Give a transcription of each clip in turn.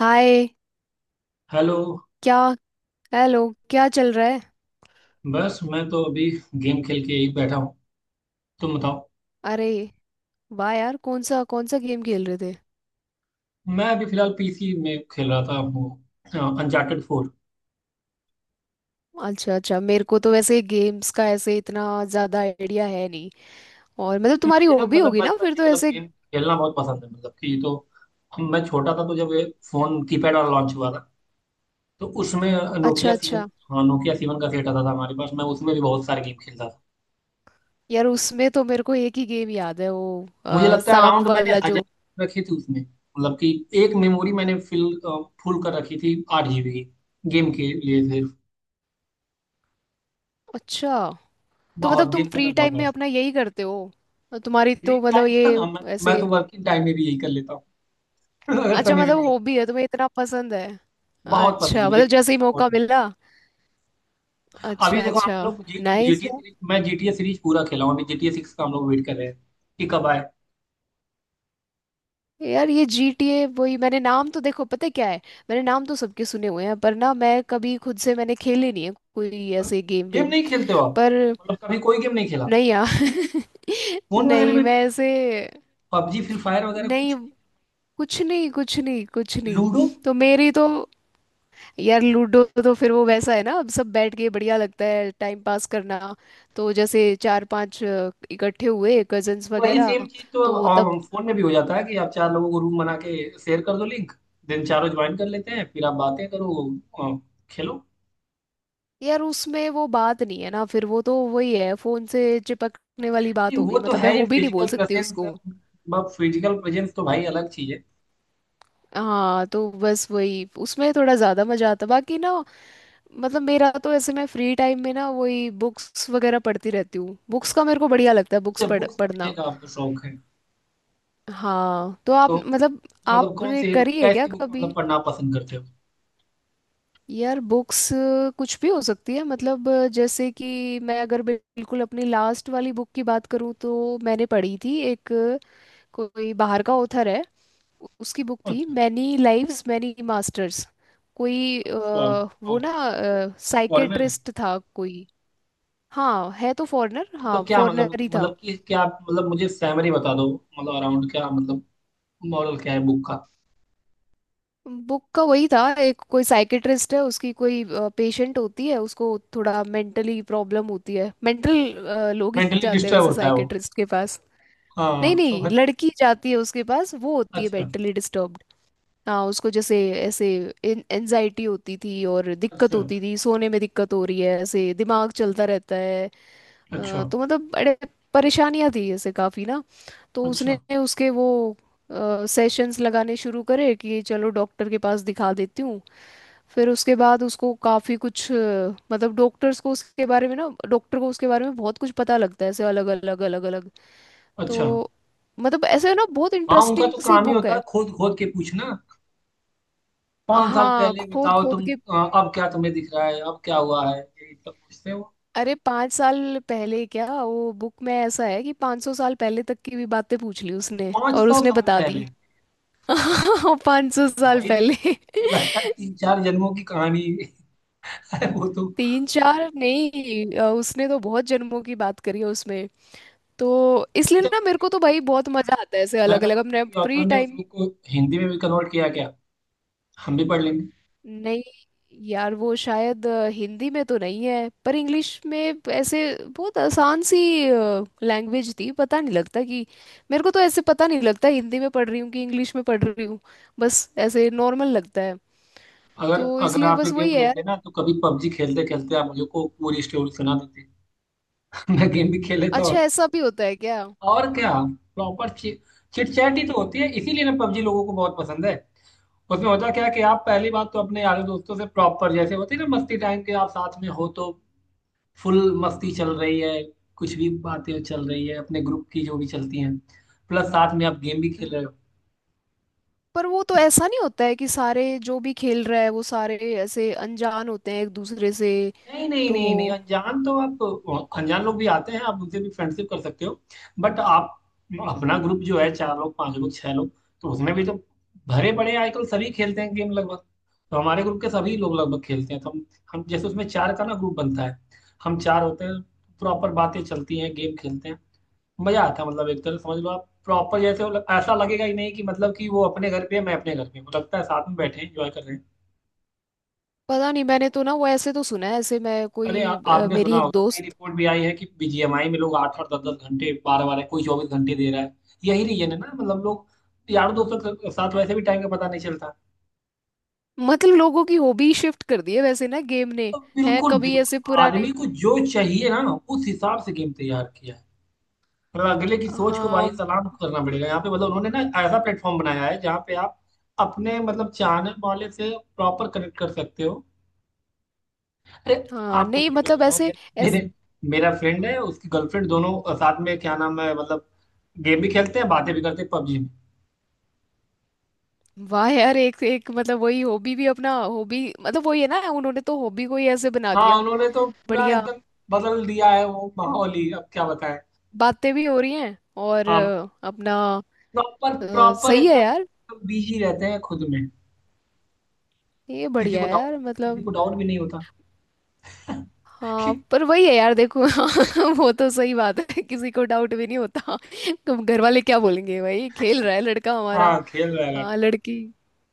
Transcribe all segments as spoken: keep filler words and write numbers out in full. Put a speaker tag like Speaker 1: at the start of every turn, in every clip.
Speaker 1: हाय।
Speaker 2: Hello.
Speaker 1: क्या hello. क्या चल रहा है?
Speaker 2: बस मैं तो अभी गेम खेल के यही बैठा हूँ। तुम बताओ।
Speaker 1: अरे, वाह यार, कौन सा कौन सा गेम खेल रहे थे?
Speaker 2: मैं अभी फिलहाल पीसी में खेल रहा था, वो अनचार्टेड फोर।
Speaker 1: अच्छा अच्छा, मेरे को तो वैसे गेम्स का ऐसे इतना ज्यादा आइडिया है नहीं। और मतलब तुम्हारी
Speaker 2: मुझे ना
Speaker 1: हॉबी
Speaker 2: मतलब
Speaker 1: होगी ना
Speaker 2: बचपन
Speaker 1: फिर
Speaker 2: से,
Speaker 1: तो
Speaker 2: मतलब
Speaker 1: ऐसे।
Speaker 2: गेम खेलना बहुत पसंद है, मतलब कि तो हम- मैं छोटा था तो जब ये फोन कीपैड वाला लॉन्च हुआ था, तो उसमें
Speaker 1: अच्छा
Speaker 2: नोकिया सीवन।
Speaker 1: अच्छा।
Speaker 2: हाँ, नोकिया सीवन का सेट आता था हमारे पास, मैं उसमें भी बहुत सारे गेम खेलता था।
Speaker 1: यार उसमें तो मेरे को एक ही गेम याद है, वो
Speaker 2: मुझे
Speaker 1: अ,
Speaker 2: लगता है
Speaker 1: सांप
Speaker 2: अराउंड मैंने
Speaker 1: वाला
Speaker 2: हज़ार
Speaker 1: जो।
Speaker 2: रखे थे उसमें, मतलब कि एक मेमोरी मैंने फिल फुल कर रखी थी आठ जी बी की, गेम के लिए सिर्फ।
Speaker 1: अच्छा, तो मतलब
Speaker 2: बहुत
Speaker 1: तुम
Speaker 2: गेम करना,
Speaker 1: फ्री
Speaker 2: बहुत
Speaker 1: टाइम
Speaker 2: बड़ा
Speaker 1: में अपना यही करते हो? तुम्हारी
Speaker 2: फ्री
Speaker 1: तो मतलब ये
Speaker 2: टाइम। मैं,
Speaker 1: ऐसे।
Speaker 2: मैं तो वर्किंग टाइम में भी यही कर लेता हूँ। अगर
Speaker 1: अच्छा,
Speaker 2: समय मिल
Speaker 1: मतलब
Speaker 2: गया।
Speaker 1: हॉबी है, तुम्हें इतना पसंद है।
Speaker 2: बहुत पसंद है
Speaker 1: अच्छा,
Speaker 2: मुझे
Speaker 1: मतलब
Speaker 2: गेम
Speaker 1: जैसे ही
Speaker 2: खेलना, बहुत
Speaker 1: मौका
Speaker 2: पसंद
Speaker 1: मिला।
Speaker 2: है। अभी
Speaker 1: अच्छा
Speaker 2: देखो हम
Speaker 1: अच्छा।
Speaker 2: लोग जी,
Speaker 1: नाइस
Speaker 2: GTA
Speaker 1: है।
Speaker 2: सीरीज, मैं जी टी ए सीरीज पूरा खेला हूँ। अभी जी टी ए सिक्स का हम लोग वेट कर रहे हैं कि कब आए।
Speaker 1: यार ये G T A, वही मैंने नाम तो देखो, पता है क्या है? मैंने नाम तो सबके सुने हुए हैं, पर ना मैं कभी खुद से मैंने खेले नहीं है कोई ऐसे गेम
Speaker 2: गेम
Speaker 1: वेम।
Speaker 2: नहीं खेलते हो आप?
Speaker 1: पर
Speaker 2: मतलब कभी कोई गेम नहीं खेला?
Speaker 1: नहीं यार।
Speaker 2: फोन वगैरह
Speaker 1: नहीं,
Speaker 2: में भी?
Speaker 1: मैं ऐसे
Speaker 2: पबजी फ्री फायर वगैरह
Speaker 1: नहीं,
Speaker 2: कुछ?
Speaker 1: कुछ नहीं, कुछ नहीं, कुछ नहीं।
Speaker 2: लूडो?
Speaker 1: तो मेरी तो, यार लूडो तो फिर वो वैसा है ना, अब सब बैठ के बढ़िया लगता है, टाइम पास करना। तो जैसे चार पांच अ, इकट्ठे हुए कजन्स
Speaker 2: वही
Speaker 1: वगैरह।
Speaker 2: सेम चीज तो
Speaker 1: तो
Speaker 2: अब
Speaker 1: तब।
Speaker 2: अब फोन में भी हो जाता है कि आप चार लोगों को रूम बना के शेयर कर दो लिंक, देन चारों ज्वाइन कर लेते हैं, फिर आप बातें करो, अ, खेलो।
Speaker 1: यार उसमें वो बात नहीं है ना, फिर वो तो वही है फोन से चिपकने वाली
Speaker 2: नहीं,
Speaker 1: बात हो
Speaker 2: वो
Speaker 1: गई,
Speaker 2: तो
Speaker 1: मतलब मैं
Speaker 2: है ही
Speaker 1: हॉबी नहीं बोल
Speaker 2: फिजिकल
Speaker 1: सकती
Speaker 2: प्रेजेंस,
Speaker 1: उसको।
Speaker 2: फिजिकल प्रेजेंस तो भाई अलग चीज है।
Speaker 1: हाँ तो बस वही उसमें थोड़ा ज्यादा मजा आता, बाकी ना। मतलब मेरा तो ऐसे, मैं फ्री टाइम में ना वही बुक्स वगैरह पढ़ती रहती हूँ, बुक्स का मेरे को बढ़िया लगता है, बुक्स
Speaker 2: अच्छा,
Speaker 1: पढ़
Speaker 2: बुक्स पढ़ने
Speaker 1: पढ़ना।
Speaker 2: का आपको शौक है?
Speaker 1: हाँ तो आप
Speaker 2: तो
Speaker 1: मतलब
Speaker 2: मतलब कौन
Speaker 1: आपने
Speaker 2: सी,
Speaker 1: करी है क्या
Speaker 2: कैसी बुक्स
Speaker 1: कभी?
Speaker 2: मतलब पढ़ना पसंद करते हो?
Speaker 1: यार बुक्स कुछ भी हो सकती है, मतलब अ, जैसे कि मैं अगर बिल्कुल अपनी लास्ट वाली बुक की बात करूँ तो मैंने पढ़ी थी एक। कोई बाहर का ऑथर है, उ- उसकी बुक थी
Speaker 2: अच्छा,
Speaker 1: मैनी लाइव्स मैनी मास्टर्स। कोई
Speaker 2: अच्छा।
Speaker 1: अ, वो
Speaker 2: और
Speaker 1: ना
Speaker 2: फॉरेनर है?
Speaker 1: साइकेट्रिस्ट था कोई। हाँ है तो फॉरेनर, हाँ
Speaker 2: मतलब क्या, मतलब
Speaker 1: फॉरेनर ही
Speaker 2: कि-
Speaker 1: था।
Speaker 2: मतलब कि क्या मतलब, मुझे सैमरी बता दो, मतलब अराउंड क्या मतलब, मॉडल क्या है बुक का?
Speaker 1: बुक का वही था, एक कोई साइकेट्रिस्ट है, उसकी कोई पेशेंट होती है उसको, थोड़ा मेंटली प्रॉब्लम होती है, मेंटल लोग ही
Speaker 2: मेंटली
Speaker 1: जाते हैं
Speaker 2: डिस्टर्ब
Speaker 1: वैसे
Speaker 2: होता है वो?
Speaker 1: साइकेट्रिस्ट के पास। नहीं
Speaker 2: हाँ,
Speaker 1: नहीं,
Speaker 2: समझ।
Speaker 1: लड़की जाती है उसके पास, वो होती है
Speaker 2: अच्छा,
Speaker 1: मेंटली डिस्टर्ब। हाँ उसको जैसे ऐसे एनजाइटी होती थी, और दिक्कत
Speaker 2: अच्छा,
Speaker 1: होती थी सोने में, दिक्कत हो रही है, ऐसे दिमाग चलता रहता है। अ,
Speaker 2: अच्छा,
Speaker 1: तो मतलब बड़े परेशानियां थी ऐसे काफी ना। तो
Speaker 2: अच्छा,
Speaker 1: उसने उसके वो सेशंस लगाने शुरू करे कि चलो डॉक्टर के पास दिखा देती हूँ। फिर उसके बाद उसको काफी कुछ अ, मतलब डॉक्टर्स को उसके बारे में ना, डॉक्टर को उसके बारे में बहुत कुछ पता लगता है, ऐसे अलग अलग अलग अलग।
Speaker 2: अच्छा।
Speaker 1: तो मतलब ऐसे ना बहुत
Speaker 2: हाँ, उनका
Speaker 1: इंटरेस्टिंग
Speaker 2: तो
Speaker 1: सी
Speaker 2: काम ही
Speaker 1: बुक
Speaker 2: होता
Speaker 1: है।
Speaker 2: है खोद खोद के पूछना। पाँच साल
Speaker 1: हाँ
Speaker 2: पहले
Speaker 1: खोद
Speaker 2: बताओ
Speaker 1: खोद
Speaker 2: तुम,
Speaker 1: के।
Speaker 2: अ, अब क्या तुम्हें दिख रहा है, अब क्या हुआ है, ये सब पूछते हो।
Speaker 1: अरे पाँच साल पहले क्या, वो बुक में ऐसा है कि पाँच सौ साल पहले तक की भी बातें पूछ ली उसने,
Speaker 2: पाँच
Speaker 1: और
Speaker 2: सौ
Speaker 1: उसने
Speaker 2: साल
Speaker 1: बता दी।
Speaker 2: पहले?
Speaker 1: पाँच सौ साल
Speaker 2: भाई साहब,
Speaker 1: पहले।
Speaker 2: तो मुझे लगता है तीन चार जन्मों की कहानी है वो तो।
Speaker 1: तीन चार नहीं, अ, उसने तो बहुत जन्मों की बात करी है उसमें। तो इसलिए
Speaker 2: अच्छा,
Speaker 1: ना मेरे को तो भाई बहुत मजा आता है, ऐसे
Speaker 2: मैं
Speaker 1: अलग
Speaker 2: कह रहा
Speaker 1: अलग,
Speaker 2: हूँ
Speaker 1: अपने
Speaker 2: किसी
Speaker 1: फ्री
Speaker 2: ऑथर ने उस
Speaker 1: टाइम।
Speaker 2: बुक को हिंदी में भी कन्वर्ट किया क्या? हम भी पढ़ लेंगे।
Speaker 1: नहीं यार, वो शायद अ, हिंदी में तो नहीं है, पर इंग्लिश में ऐसे बहुत आसान सी लैंग्वेज थी, पता नहीं लगता कि मेरे को तो ऐसे पता नहीं लगता हिंदी में पढ़ रही हूँ कि इंग्लिश में पढ़ रही हूँ, बस ऐसे नॉर्मल लगता है।
Speaker 2: अगर
Speaker 1: तो
Speaker 2: अगर
Speaker 1: इसलिए
Speaker 2: आप ये
Speaker 1: बस
Speaker 2: गेम
Speaker 1: वही है
Speaker 2: खेलते
Speaker 1: यार।
Speaker 2: ना, तो कभी पबजी खेलते खेलते आप मुझे को पूरी स्टोरी सुना देते। मैं गेम भी खेल लेता
Speaker 1: अच्छा,
Speaker 2: और,
Speaker 1: ऐसा भी होता है क्या?
Speaker 2: और क्या, प्रॉपर चिट चैट ही तो होती है, इसीलिए ना पबजी लोगों को बहुत पसंद है। उसमें होता क्या है कि आप पहली बात तो अपने यारों दोस्तों से प्रॉपर, जैसे होती है ना मस्ती, टाइम के आप साथ में हो तो फुल मस्ती चल रही है, कुछ भी बातें चल रही है अपने ग्रुप की जो भी चलती हैं, प्लस साथ में आप गेम भी खेल
Speaker 1: न-
Speaker 2: रहे हो।
Speaker 1: पर वो तो
Speaker 2: इस
Speaker 1: ऐसा नहीं होता है कि सारे जो भी खेल रहा है वो सारे ऐसे अनजान होते हैं एक दूसरे से।
Speaker 2: नहीं नहीं
Speaker 1: तो
Speaker 2: नहीं नहीं, अनजान तो आप, अनजान लोग भी आते हैं, आप उनसे भी फ्रेंडशिप कर सकते हो। बट आप अपना ग्रुप जो है, चार लोग पांच लोग छह लोग, तो उसमें भी तो भरे पड़े हैं, आजकल सभी खेलते हैं गेम लगभग। तो हमारे ग्रुप के सभी लोग लगभग खेलते हैं, तो हम हम जैसे उसमें चार का ना ग्रुप बनता है, हम चार होते हैं। प्रॉपर बातें चलती हैं, गेम खेलते हैं, मजा आता है। मतलब एक तरह से समझ लो आप, प्रॉपर जैसे वो लग- ऐसा लगेगा ही नहीं कि मतलब कि वो अपने घर पे है, मैं अपने घर पे हूँ। लगता है साथ में बैठे हैं, एंजॉय कर रहे हैं।
Speaker 1: पता नहीं, मैंने तो ना वो ऐसे तो सुना है, ऐसे मैं
Speaker 2: अरे आ,
Speaker 1: कोई अ,
Speaker 2: आपने
Speaker 1: मेरी
Speaker 2: सुना
Speaker 1: एक
Speaker 2: होगा, कई
Speaker 1: दोस्त।
Speaker 2: रिपोर्ट भी आई है कि बी जी एम आई में लोग आठ आठ दस दस घंटे, बारह बारह, कोई चौबीस घंटे दे रहा है। यही रीजन है ना, मतलब लोग, यार दोस्तों के साथ वैसे भी टाइम का पता नहीं चलता।
Speaker 1: मतलब लोगों की हॉबी शिफ्ट कर दी है वैसे ना गेम ने।
Speaker 2: तो
Speaker 1: है
Speaker 2: बिल्कुल
Speaker 1: कभी
Speaker 2: बिल्कुल।
Speaker 1: ऐसे पुराने।
Speaker 2: आदमी को जो चाहिए ना, उस हिसाब से गेम तैयार किया है। मतलब अगले की सोच को भाई
Speaker 1: हाँ
Speaker 2: सलाम करना पड़ेगा यहाँ पे, मतलब उन्होंने ना ऐसा प्लेटफॉर्म बनाया है जहाँ पे आप अपने मतलब चाहने वाले से प्रॉपर कनेक्ट कर सकते हो। अरे,
Speaker 1: हाँ।
Speaker 2: आपको
Speaker 1: नहीं
Speaker 2: छोड़ मैं
Speaker 1: मतलब
Speaker 2: बताऊं, मेरे
Speaker 1: ऐसे। ऐस
Speaker 2: मेरे- मेरा फ्रेंड है, उसकी गर्लफ्रेंड, दोनों साथ में, क्या नाम है मतलब, गेम भी खेलते हैं बातें भी करते हैं पबजी में।
Speaker 1: वाह यार, एक एक मतलब वही हॉबी भी अपना, हॉबी मतलब वही है ना, उन्होंने तो हॉबी को ही ऐसे बना
Speaker 2: हाँ
Speaker 1: दिया।
Speaker 2: उन्होंने तो पूरा
Speaker 1: बढ़िया।
Speaker 2: एकदम बदल दिया है वो माहौल ही, अब क्या बताएं।
Speaker 1: बातें भी हो रही हैं और
Speaker 2: हाँ,
Speaker 1: अ, अपना।
Speaker 2: प्रॉपर
Speaker 1: अ,
Speaker 2: प्रॉपर
Speaker 1: सही है यार।
Speaker 2: एकदम बिजी रहते हैं खुद में।
Speaker 1: ये
Speaker 2: किसी को
Speaker 1: बढ़िया है
Speaker 2: डाउट
Speaker 1: यार
Speaker 2: किसी
Speaker 1: मतलब।
Speaker 2: को डाउट भी नहीं होता।
Speaker 1: हाँ
Speaker 2: कि
Speaker 1: पर वही है यार देखो। हाँ, वो तो सही बात है, किसी को डाउट भी नहीं होता। तुम घर वाले क्या बोलेंगे, भाई खेल रहा है लड़का हमारा।
Speaker 2: हाँ, खेल रहा है।
Speaker 1: हाँ लड़की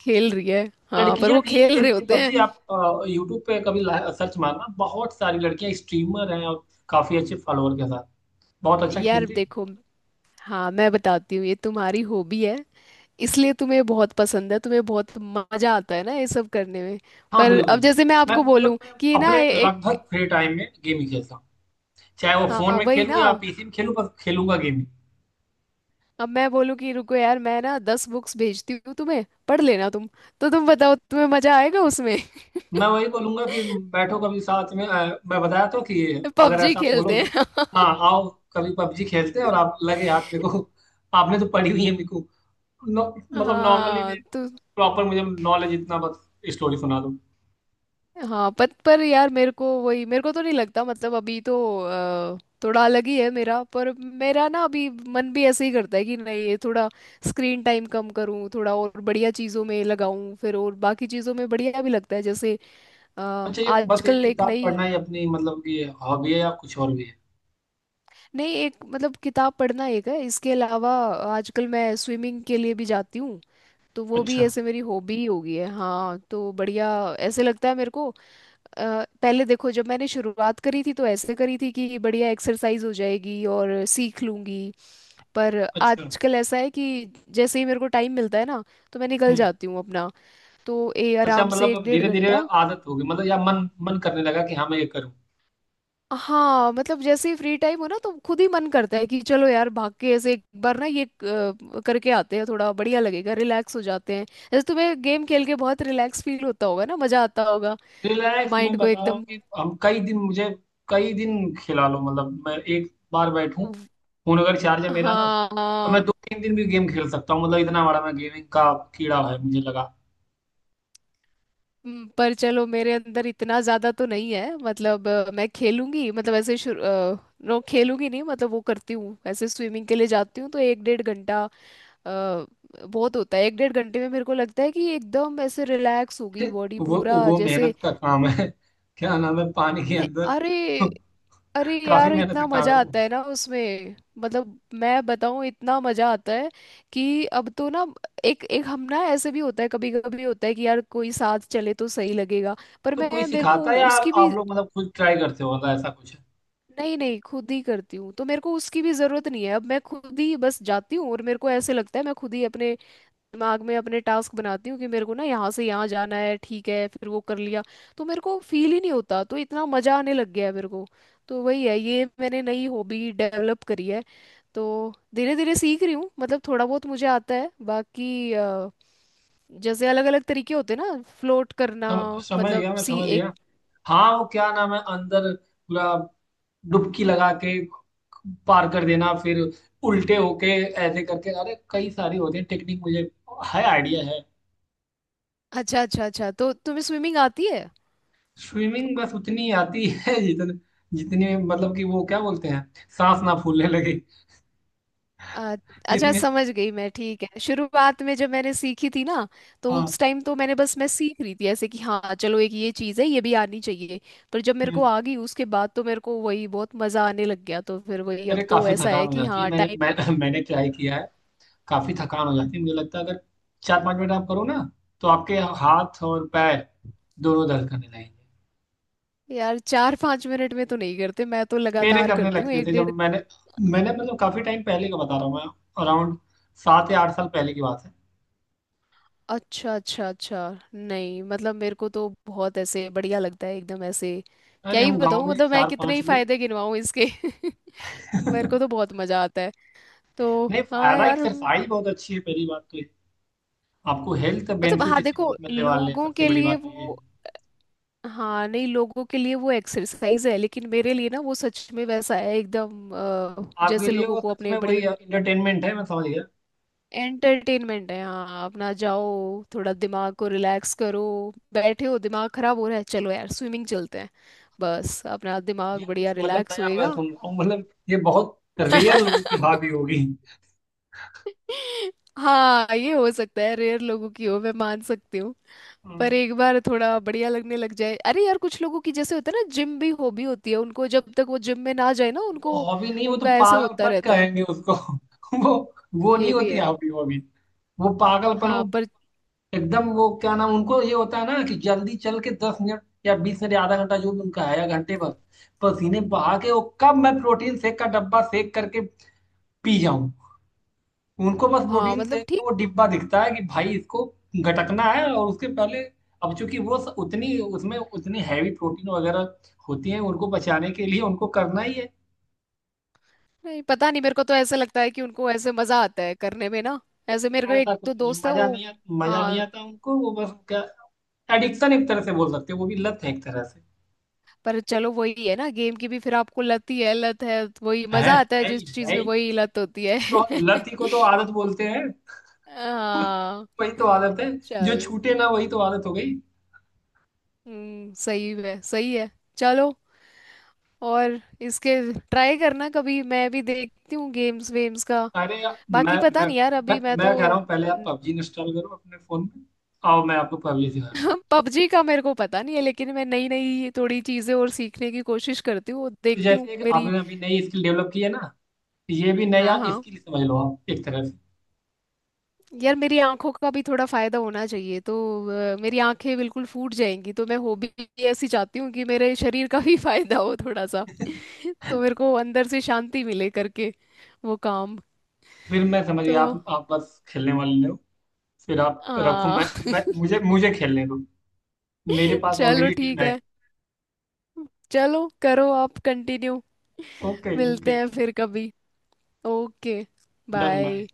Speaker 1: खेल रही है। हाँ पर
Speaker 2: लड़कियां
Speaker 1: वो
Speaker 2: भी
Speaker 1: खेल रहे
Speaker 2: खेलती हैं
Speaker 1: होते हैं।
Speaker 2: पबजी। आप यूट्यूब पे कभी सर्च मारना, बहुत सारी लड़कियां स्ट्रीमर हैं, और काफी अच्छे फॉलोअर के साथ बहुत अच्छा
Speaker 1: यार
Speaker 2: खेलती।
Speaker 1: देखो, हाँ मैं बताती हूँ, ये तुम्हारी हॉबी है, इसलिए तुम्हें बहुत पसंद है, तुम्हें बहुत मजा आता है ना ये सब करने में।
Speaker 2: हाँ
Speaker 1: पर
Speaker 2: बिल्कुल।
Speaker 1: अब जैसे मैं
Speaker 2: मैं
Speaker 1: आपको
Speaker 2: मतलब
Speaker 1: बोलूँ
Speaker 2: मैं
Speaker 1: कि ना
Speaker 2: अपने
Speaker 1: ए-
Speaker 2: लगभग
Speaker 1: एक।
Speaker 2: फ्री टाइम में गेम ही खेलता हूँ, चाहे वो फोन
Speaker 1: हाँ
Speaker 2: में
Speaker 1: वही
Speaker 2: खेलूँ
Speaker 1: ना,
Speaker 2: या पीसी में खेलूँ, बस खेलूंगा गेम ही।
Speaker 1: अब मैं बोलूँ कि रुको यार, मैं ना दस बुक्स भेजती हूँ तुम्हें, पढ़ लेना तुम। तो तुम बताओ तुम्हें मजा आएगा उसमें?
Speaker 2: मैं वही बोलूंगा कि बैठो कभी साथ में, अ, मैं बताया तो कि, अगर
Speaker 1: पबजी
Speaker 2: ऐसा
Speaker 1: खेलते
Speaker 2: बोलोगे,
Speaker 1: हैं।
Speaker 2: हाँ आओ कभी पबजी खेलते हैं, और आप लगे हाथ मेरे को, आपने तो पढ़ी हुई है, मेरे को नो- मतलब नॉर्मली
Speaker 1: हाँ
Speaker 2: मैं
Speaker 1: तो।
Speaker 2: प्रॉपर, मुझे नॉलेज इतना, बस स्टोरी सुना दो।
Speaker 1: हाँ पर पर यार मेरे को वही, मेरे को तो नहीं लगता मतलब अभी तो अ, थोड़ा अलग ही है मेरा, पर मेरा ना अभी मन भी ऐसे ही करता है कि नहीं ये थोड़ा स्क्रीन टाइम कम करूँ, थोड़ा और बढ़िया चीज़ों में लगाऊँ फिर, और बाकी चीज़ों में बढ़िया भी लगता है, जैसे अ,
Speaker 2: अच्छा, ये बस एक
Speaker 1: आजकल एक
Speaker 2: किताब
Speaker 1: नई।
Speaker 2: पढ़ना ही अपनी मतलब कि हॉबी है, या कुछ और भी है?
Speaker 1: नहीं एक मतलब किताब पढ़ना एक है, इसके अलावा आजकल मैं स्विमिंग के लिए भी जाती हूँ, तो वो भी
Speaker 2: अच्छा,
Speaker 1: ऐसे मेरी हॉबी ही हो गई है, हाँ तो बढ़िया ऐसे लगता है मेरे को। अ, पहले देखो जब मैंने शुरुआत करी थी तो ऐसे करी थी कि बढ़िया एक्सरसाइज हो जाएगी और सीख लूंगी, पर
Speaker 2: अच्छा।
Speaker 1: आजकल ऐसा है कि जैसे ही मेरे को टाइम मिलता है ना, तो मैं निकल
Speaker 2: हम्म।
Speaker 1: जाती हूँ अपना। तो ए
Speaker 2: अच्छा,
Speaker 1: आराम से एक
Speaker 2: मतलब
Speaker 1: डेढ़
Speaker 2: धीरे धीरे
Speaker 1: घंटा।
Speaker 2: आदत होगी, मतलब या मन मन करने लगा कि हाँ मैं ये करूँ।
Speaker 1: हाँ मतलब जैसे ही फ्री टाइम हो ना तो खुद ही मन करता है कि चलो यार, भाग के ऐसे एक बार ना ये अ, करके आते हैं, थोड़ा बढ़िया लगेगा, रिलैक्स हो जाते हैं, जैसे तुम्हें गेम खेल के बहुत रिलैक्स फील होता होगा ना, मजा आता होगा,
Speaker 2: रिलैक्स, मैं
Speaker 1: माइंड को
Speaker 2: बता रहा हूँ
Speaker 1: एकदम।
Speaker 2: कि हम कई दिन मुझे, कई दिन खिला लो मतलब, मैं एक बार बैठूं, फोन अगर चार्ज है मेरा ना,
Speaker 1: हाँ
Speaker 2: तो मैं
Speaker 1: हाँ।
Speaker 2: दो तीन दिन भी गेम खेल सकता हूँ। मतलब इतना बड़ा मैं गेमिंग का कीड़ा है, मुझे लगा।
Speaker 1: हम्म, पर चलो मेरे अंदर इतना ज्यादा तो नहीं है, मतलब अ, मैं खेलूंगी मतलब ऐसे शुरू अ, नो खेलूंगी नहीं, मतलब वो करती हूँ ऐसे, स्विमिंग के लिए जाती हूँ तो एक डेढ़ घंटा अ, बहुत होता है, एक डेढ़ घंटे में मेरे को लगता है कि एकदम ऐसे रिलैक्स हो गई बॉडी
Speaker 2: वो
Speaker 1: पूरा
Speaker 2: वो
Speaker 1: जैसे।
Speaker 2: मेहनत का काम है। क्या नाम है, पानी के
Speaker 1: ने
Speaker 2: अंदर?
Speaker 1: अरे, अरे
Speaker 2: काफी
Speaker 1: यार
Speaker 2: मेहनत का
Speaker 1: इतना
Speaker 2: काम
Speaker 1: मजा
Speaker 2: है वो।
Speaker 1: आता है ना उसमें, मतलब मैं बताऊं इतना मजा आता है कि अब तो ना एक एक हम ना ऐसे भी होता है, कभी कभी होता है कि यार कोई साथ चले तो सही लगेगा। पर
Speaker 2: तो कोई
Speaker 1: मैं, मेरे को
Speaker 2: सिखाता है या
Speaker 1: उसकी
Speaker 2: आप
Speaker 1: भी,
Speaker 2: आप लोग मतलब खुद ट्राई करते हो, मतलब ऐसा कुछ है?
Speaker 1: नहीं नहीं खुद ही करती हूँ तो मेरे को उसकी भी जरूरत नहीं है, अब मैं खुद ही बस जाती हूँ और मेरे को ऐसे लगता है मैं खुद ही अपने दिमाग में अपने टास्क बनाती हूँ कि मेरे को ना यहाँ से यहाँ जाना है, ठीक है फिर वो कर लिया, तो मेरे को फील ही नहीं होता, तो इतना मजा आने लग गया है मेरे को। तो वही है, ये मैंने नई हॉबी डेवलप करी है। तो धीरे धीरे सीख रही हूँ मतलब, थोड़ा बहुत मुझे आता है, बाकी अ, जैसे अलग अलग तरीके होते हैं ना फ्लोट करना,
Speaker 2: सम- समझ गया,
Speaker 1: मतलब
Speaker 2: मैं
Speaker 1: सी
Speaker 2: समझ
Speaker 1: एक।
Speaker 2: गया। हाँ, वो क्या नाम है, अंदर पूरा डुबकी लगा के पार कर देना, फिर उल्टे होके ऐसे करके, अरे कई सारी होती है टेक्निक, मुझे है आइडिया है।
Speaker 1: अच्छा अच्छा अच्छा, तो तुम्हें स्विमिंग आती है? तो
Speaker 2: स्विमिंग बस उतनी आती है जितने, जितनी मतलब कि, वो क्या बोलते हैं, सांस ना फूलने लगे
Speaker 1: अ- अच्छा
Speaker 2: इसमें।
Speaker 1: समझ गई मैं, ठीक है शुरुआत में जब मैंने सीखी थी ना तो
Speaker 2: हाँ।
Speaker 1: उस टाइम तो मैंने बस मैं सीख रही थी ऐसे कि हाँ चलो एक ये चीज़ है, ये भी आनी चाहिए, पर जब मेरे को
Speaker 2: हम्म।
Speaker 1: आ गई उसके बाद तो मेरे को वही बहुत मज़ा आने लग गया, तो फिर वही
Speaker 2: अरे
Speaker 1: अब तो
Speaker 2: काफी
Speaker 1: ऐसा
Speaker 2: थकान
Speaker 1: है
Speaker 2: हो
Speaker 1: कि
Speaker 2: जाती है।
Speaker 1: हाँ
Speaker 2: मैंने
Speaker 1: टाइम।
Speaker 2: मैं, मैंने ट्राई किया है, काफी थकान हो जाती है। मुझे लगता है अगर चार पांच मिनट आप करो ना, तो आपके हाथ और पैर दोनों दर्द करने लगेंगे।
Speaker 1: यार चार पाँच मिनट में तो नहीं करते, मैं तो
Speaker 2: मेरे
Speaker 1: लगातार
Speaker 2: करने
Speaker 1: करती हूँ
Speaker 2: लगते
Speaker 1: एक
Speaker 2: थे जब
Speaker 1: डेढ़।
Speaker 2: मैंने, मैंने मतलब काफी टाइम पहले का बता रहा हूँ मैं, अराउंड सात या आठ साल पहले की बात है।
Speaker 1: अच्छा अच्छा अच्छा। नहीं मतलब मेरे को तो बहुत ऐसे बढ़िया लगता है, एकदम ऐसे क्या
Speaker 2: अरे
Speaker 1: ही
Speaker 2: हम गांव
Speaker 1: बताऊँ,
Speaker 2: में
Speaker 1: मतलब मैं
Speaker 2: चार
Speaker 1: कितने
Speaker 2: पांच
Speaker 1: ही
Speaker 2: लोग।
Speaker 1: फायदे गिनवाऊँ इसके। मेरे को तो बहुत मज़ा आता है। तो
Speaker 2: नहीं,
Speaker 1: हाँ
Speaker 2: फायदा,
Speaker 1: यार। हम्म,
Speaker 2: एक्सरसाइज बहुत अच्छी है पहली बात तो ये। आपको हेल्थ
Speaker 1: मतलब
Speaker 2: बेनिफिट
Speaker 1: हाँ
Speaker 2: इससे
Speaker 1: देखो
Speaker 2: बहुत मिलने वाले हैं,
Speaker 1: लोगों
Speaker 2: सबसे
Speaker 1: के
Speaker 2: बड़ी
Speaker 1: लिए
Speaker 2: बात तो ये है।
Speaker 1: वो। हाँ नहीं, लोगों के लिए वो एक्सरसाइज है, लेकिन मेरे लिए ना वो सच में वैसा है एकदम अ,
Speaker 2: आपके
Speaker 1: जैसे
Speaker 2: लिए
Speaker 1: लोगों
Speaker 2: वो
Speaker 1: को
Speaker 2: सच
Speaker 1: अपने
Speaker 2: में वही
Speaker 1: बढ़िया
Speaker 2: इंटरटेनमेंट है, मैं समझ गया।
Speaker 1: एंटरटेनमेंट है, हाँ अपना जाओ थोड़ा दिमाग को रिलैक्स करो, बैठे हो दिमाग खराब हो रहा है, चलो यार स्विमिंग चलते हैं, बस अपना
Speaker 2: ये
Speaker 1: दिमाग
Speaker 2: कुछ
Speaker 1: बढ़िया
Speaker 2: मतलब
Speaker 1: रिलैक्स
Speaker 2: नया मैं
Speaker 1: होएगा।
Speaker 2: सुन रहा हूँ, मतलब ये बहुत रेयर लोगों की हॉबी होगी।
Speaker 1: हाँ, ये हो सकता है रेयर लोगों की हो, मैं मान सकती हूँ।
Speaker 2: हम्म।
Speaker 1: पर एक बार थोड़ा बढ़िया लगने लग जाए, अरे यार कुछ लोगों की जैसे होता है ना जिम भी हॉबी होती है उनको, जब तक वो जिम में ना जाए ना
Speaker 2: वो
Speaker 1: उनको,
Speaker 2: हॉबी नहीं, वो तो
Speaker 1: उनका ऐसे होता
Speaker 2: पागलपन
Speaker 1: रहता है।
Speaker 2: कहेंगे उसको। वो वो नहीं
Speaker 1: ये भी
Speaker 2: होती
Speaker 1: है।
Speaker 2: हॉबी, हॉबी वो पागलपन, वो
Speaker 1: हाँ पर।
Speaker 2: एकदम वो क्या नाम, उनको ये होता है ना कि जल्दी चल के दस मिनट या बीस मिनट या आधा घंटा जो भी उनका है या घंटे भर पसीने बहा के, वो कब मैं प्रोटीन शेक का डब्बा शेक करके पी जाऊं। उनको बस
Speaker 1: हाँ
Speaker 2: प्रोटीन
Speaker 1: मतलब
Speaker 2: शेक का
Speaker 1: ठीक।
Speaker 2: वो डिब्बा दिखता है कि भाई इसको घटकना है, और उसके पहले, अब चूंकि वो स- उतनी उसमें उतनी हैवी प्रोटीन वगैरह होती है, उनको बचाने के लिए उनको करना ही है।
Speaker 1: नहीं पता नहीं, मेरे को तो ऐसा लगता है कि उनको ऐसे मजा आता है करने में ना, ऐसे मेरे को
Speaker 2: ऐसा
Speaker 1: एक
Speaker 2: कुछ
Speaker 1: दो
Speaker 2: नहीं,
Speaker 1: दोस्त है
Speaker 2: मजा
Speaker 1: वो।
Speaker 2: नहीं आ, मजा नहीं
Speaker 1: हाँ
Speaker 2: आता उनको, वो बस क्या, एडिक्शन एक तरह से बोल सकते हैं, वो भी लत है एक तरह से।
Speaker 1: पर चलो, वही है ना, गेम की भी फिर आपको लत ही है, लत है वही
Speaker 2: है।
Speaker 1: मजा आता है
Speaker 2: है।
Speaker 1: जिस चीज
Speaker 2: है।
Speaker 1: में वही लत होती है।
Speaker 2: तो लत ही को तो आदत बोलते हैं।
Speaker 1: हाँ
Speaker 2: वही तो आदत है, जो
Speaker 1: चलो।
Speaker 2: छूटे ना वही तो आदत हो गई।
Speaker 1: हम्म सही है सही है। चलो। और इसके ट्राई करना कभी, मैं भी देखती हूँ गेम्स वेम्स का,
Speaker 2: अरे या- मैं
Speaker 1: बाकी पता
Speaker 2: मैं
Speaker 1: नहीं यार अभी
Speaker 2: मैं
Speaker 1: मैं तो।
Speaker 2: मैं कह रहा हूँ पहले आप पबजी इंस्टॉल करो अपने फोन में, आओ मैं आपको पबजी सिखाता हूँ।
Speaker 1: पबजी का मेरे को पता नहीं है, लेकिन मैं नई नई थोड़ी चीजें और सीखने की कोशिश करती हूँ,
Speaker 2: तो
Speaker 1: देखती हूँ
Speaker 2: जैसे एक
Speaker 1: मेरी।
Speaker 2: आपने अभी नई स्किल डेवलप की है ना, ये भी
Speaker 1: हाँ
Speaker 2: नया
Speaker 1: हाँ।
Speaker 2: स्किल समझ लो आप एक तरह से।
Speaker 1: यार मेरी आंखों का भी थोड़ा फायदा होना चाहिए, तो अ, मेरी आंखें बिल्कुल फूट जाएंगी तो, मैं हॉबी ऐसी चाहती हूँ कि मेरे शरीर का भी फायदा हो थोड़ा सा, तो मेरे को अंदर से शांति मिले करके वो काम।
Speaker 2: फिर मैं समझ गया,
Speaker 1: तो
Speaker 2: आप आप बस खेलने वाले हो, फिर आप रखो,
Speaker 1: आ,
Speaker 2: मैं मैं मुझे मुझे खेलने दो। मेरे पास
Speaker 1: चलो
Speaker 2: ऑलरेडी टीम
Speaker 1: ठीक
Speaker 2: है।
Speaker 1: है। चलो करो आप कंटिन्यू।
Speaker 2: ओके,
Speaker 1: मिलते
Speaker 2: ओके।
Speaker 1: हैं फिर कभी। ओके।
Speaker 2: Done, bye.
Speaker 1: बाय।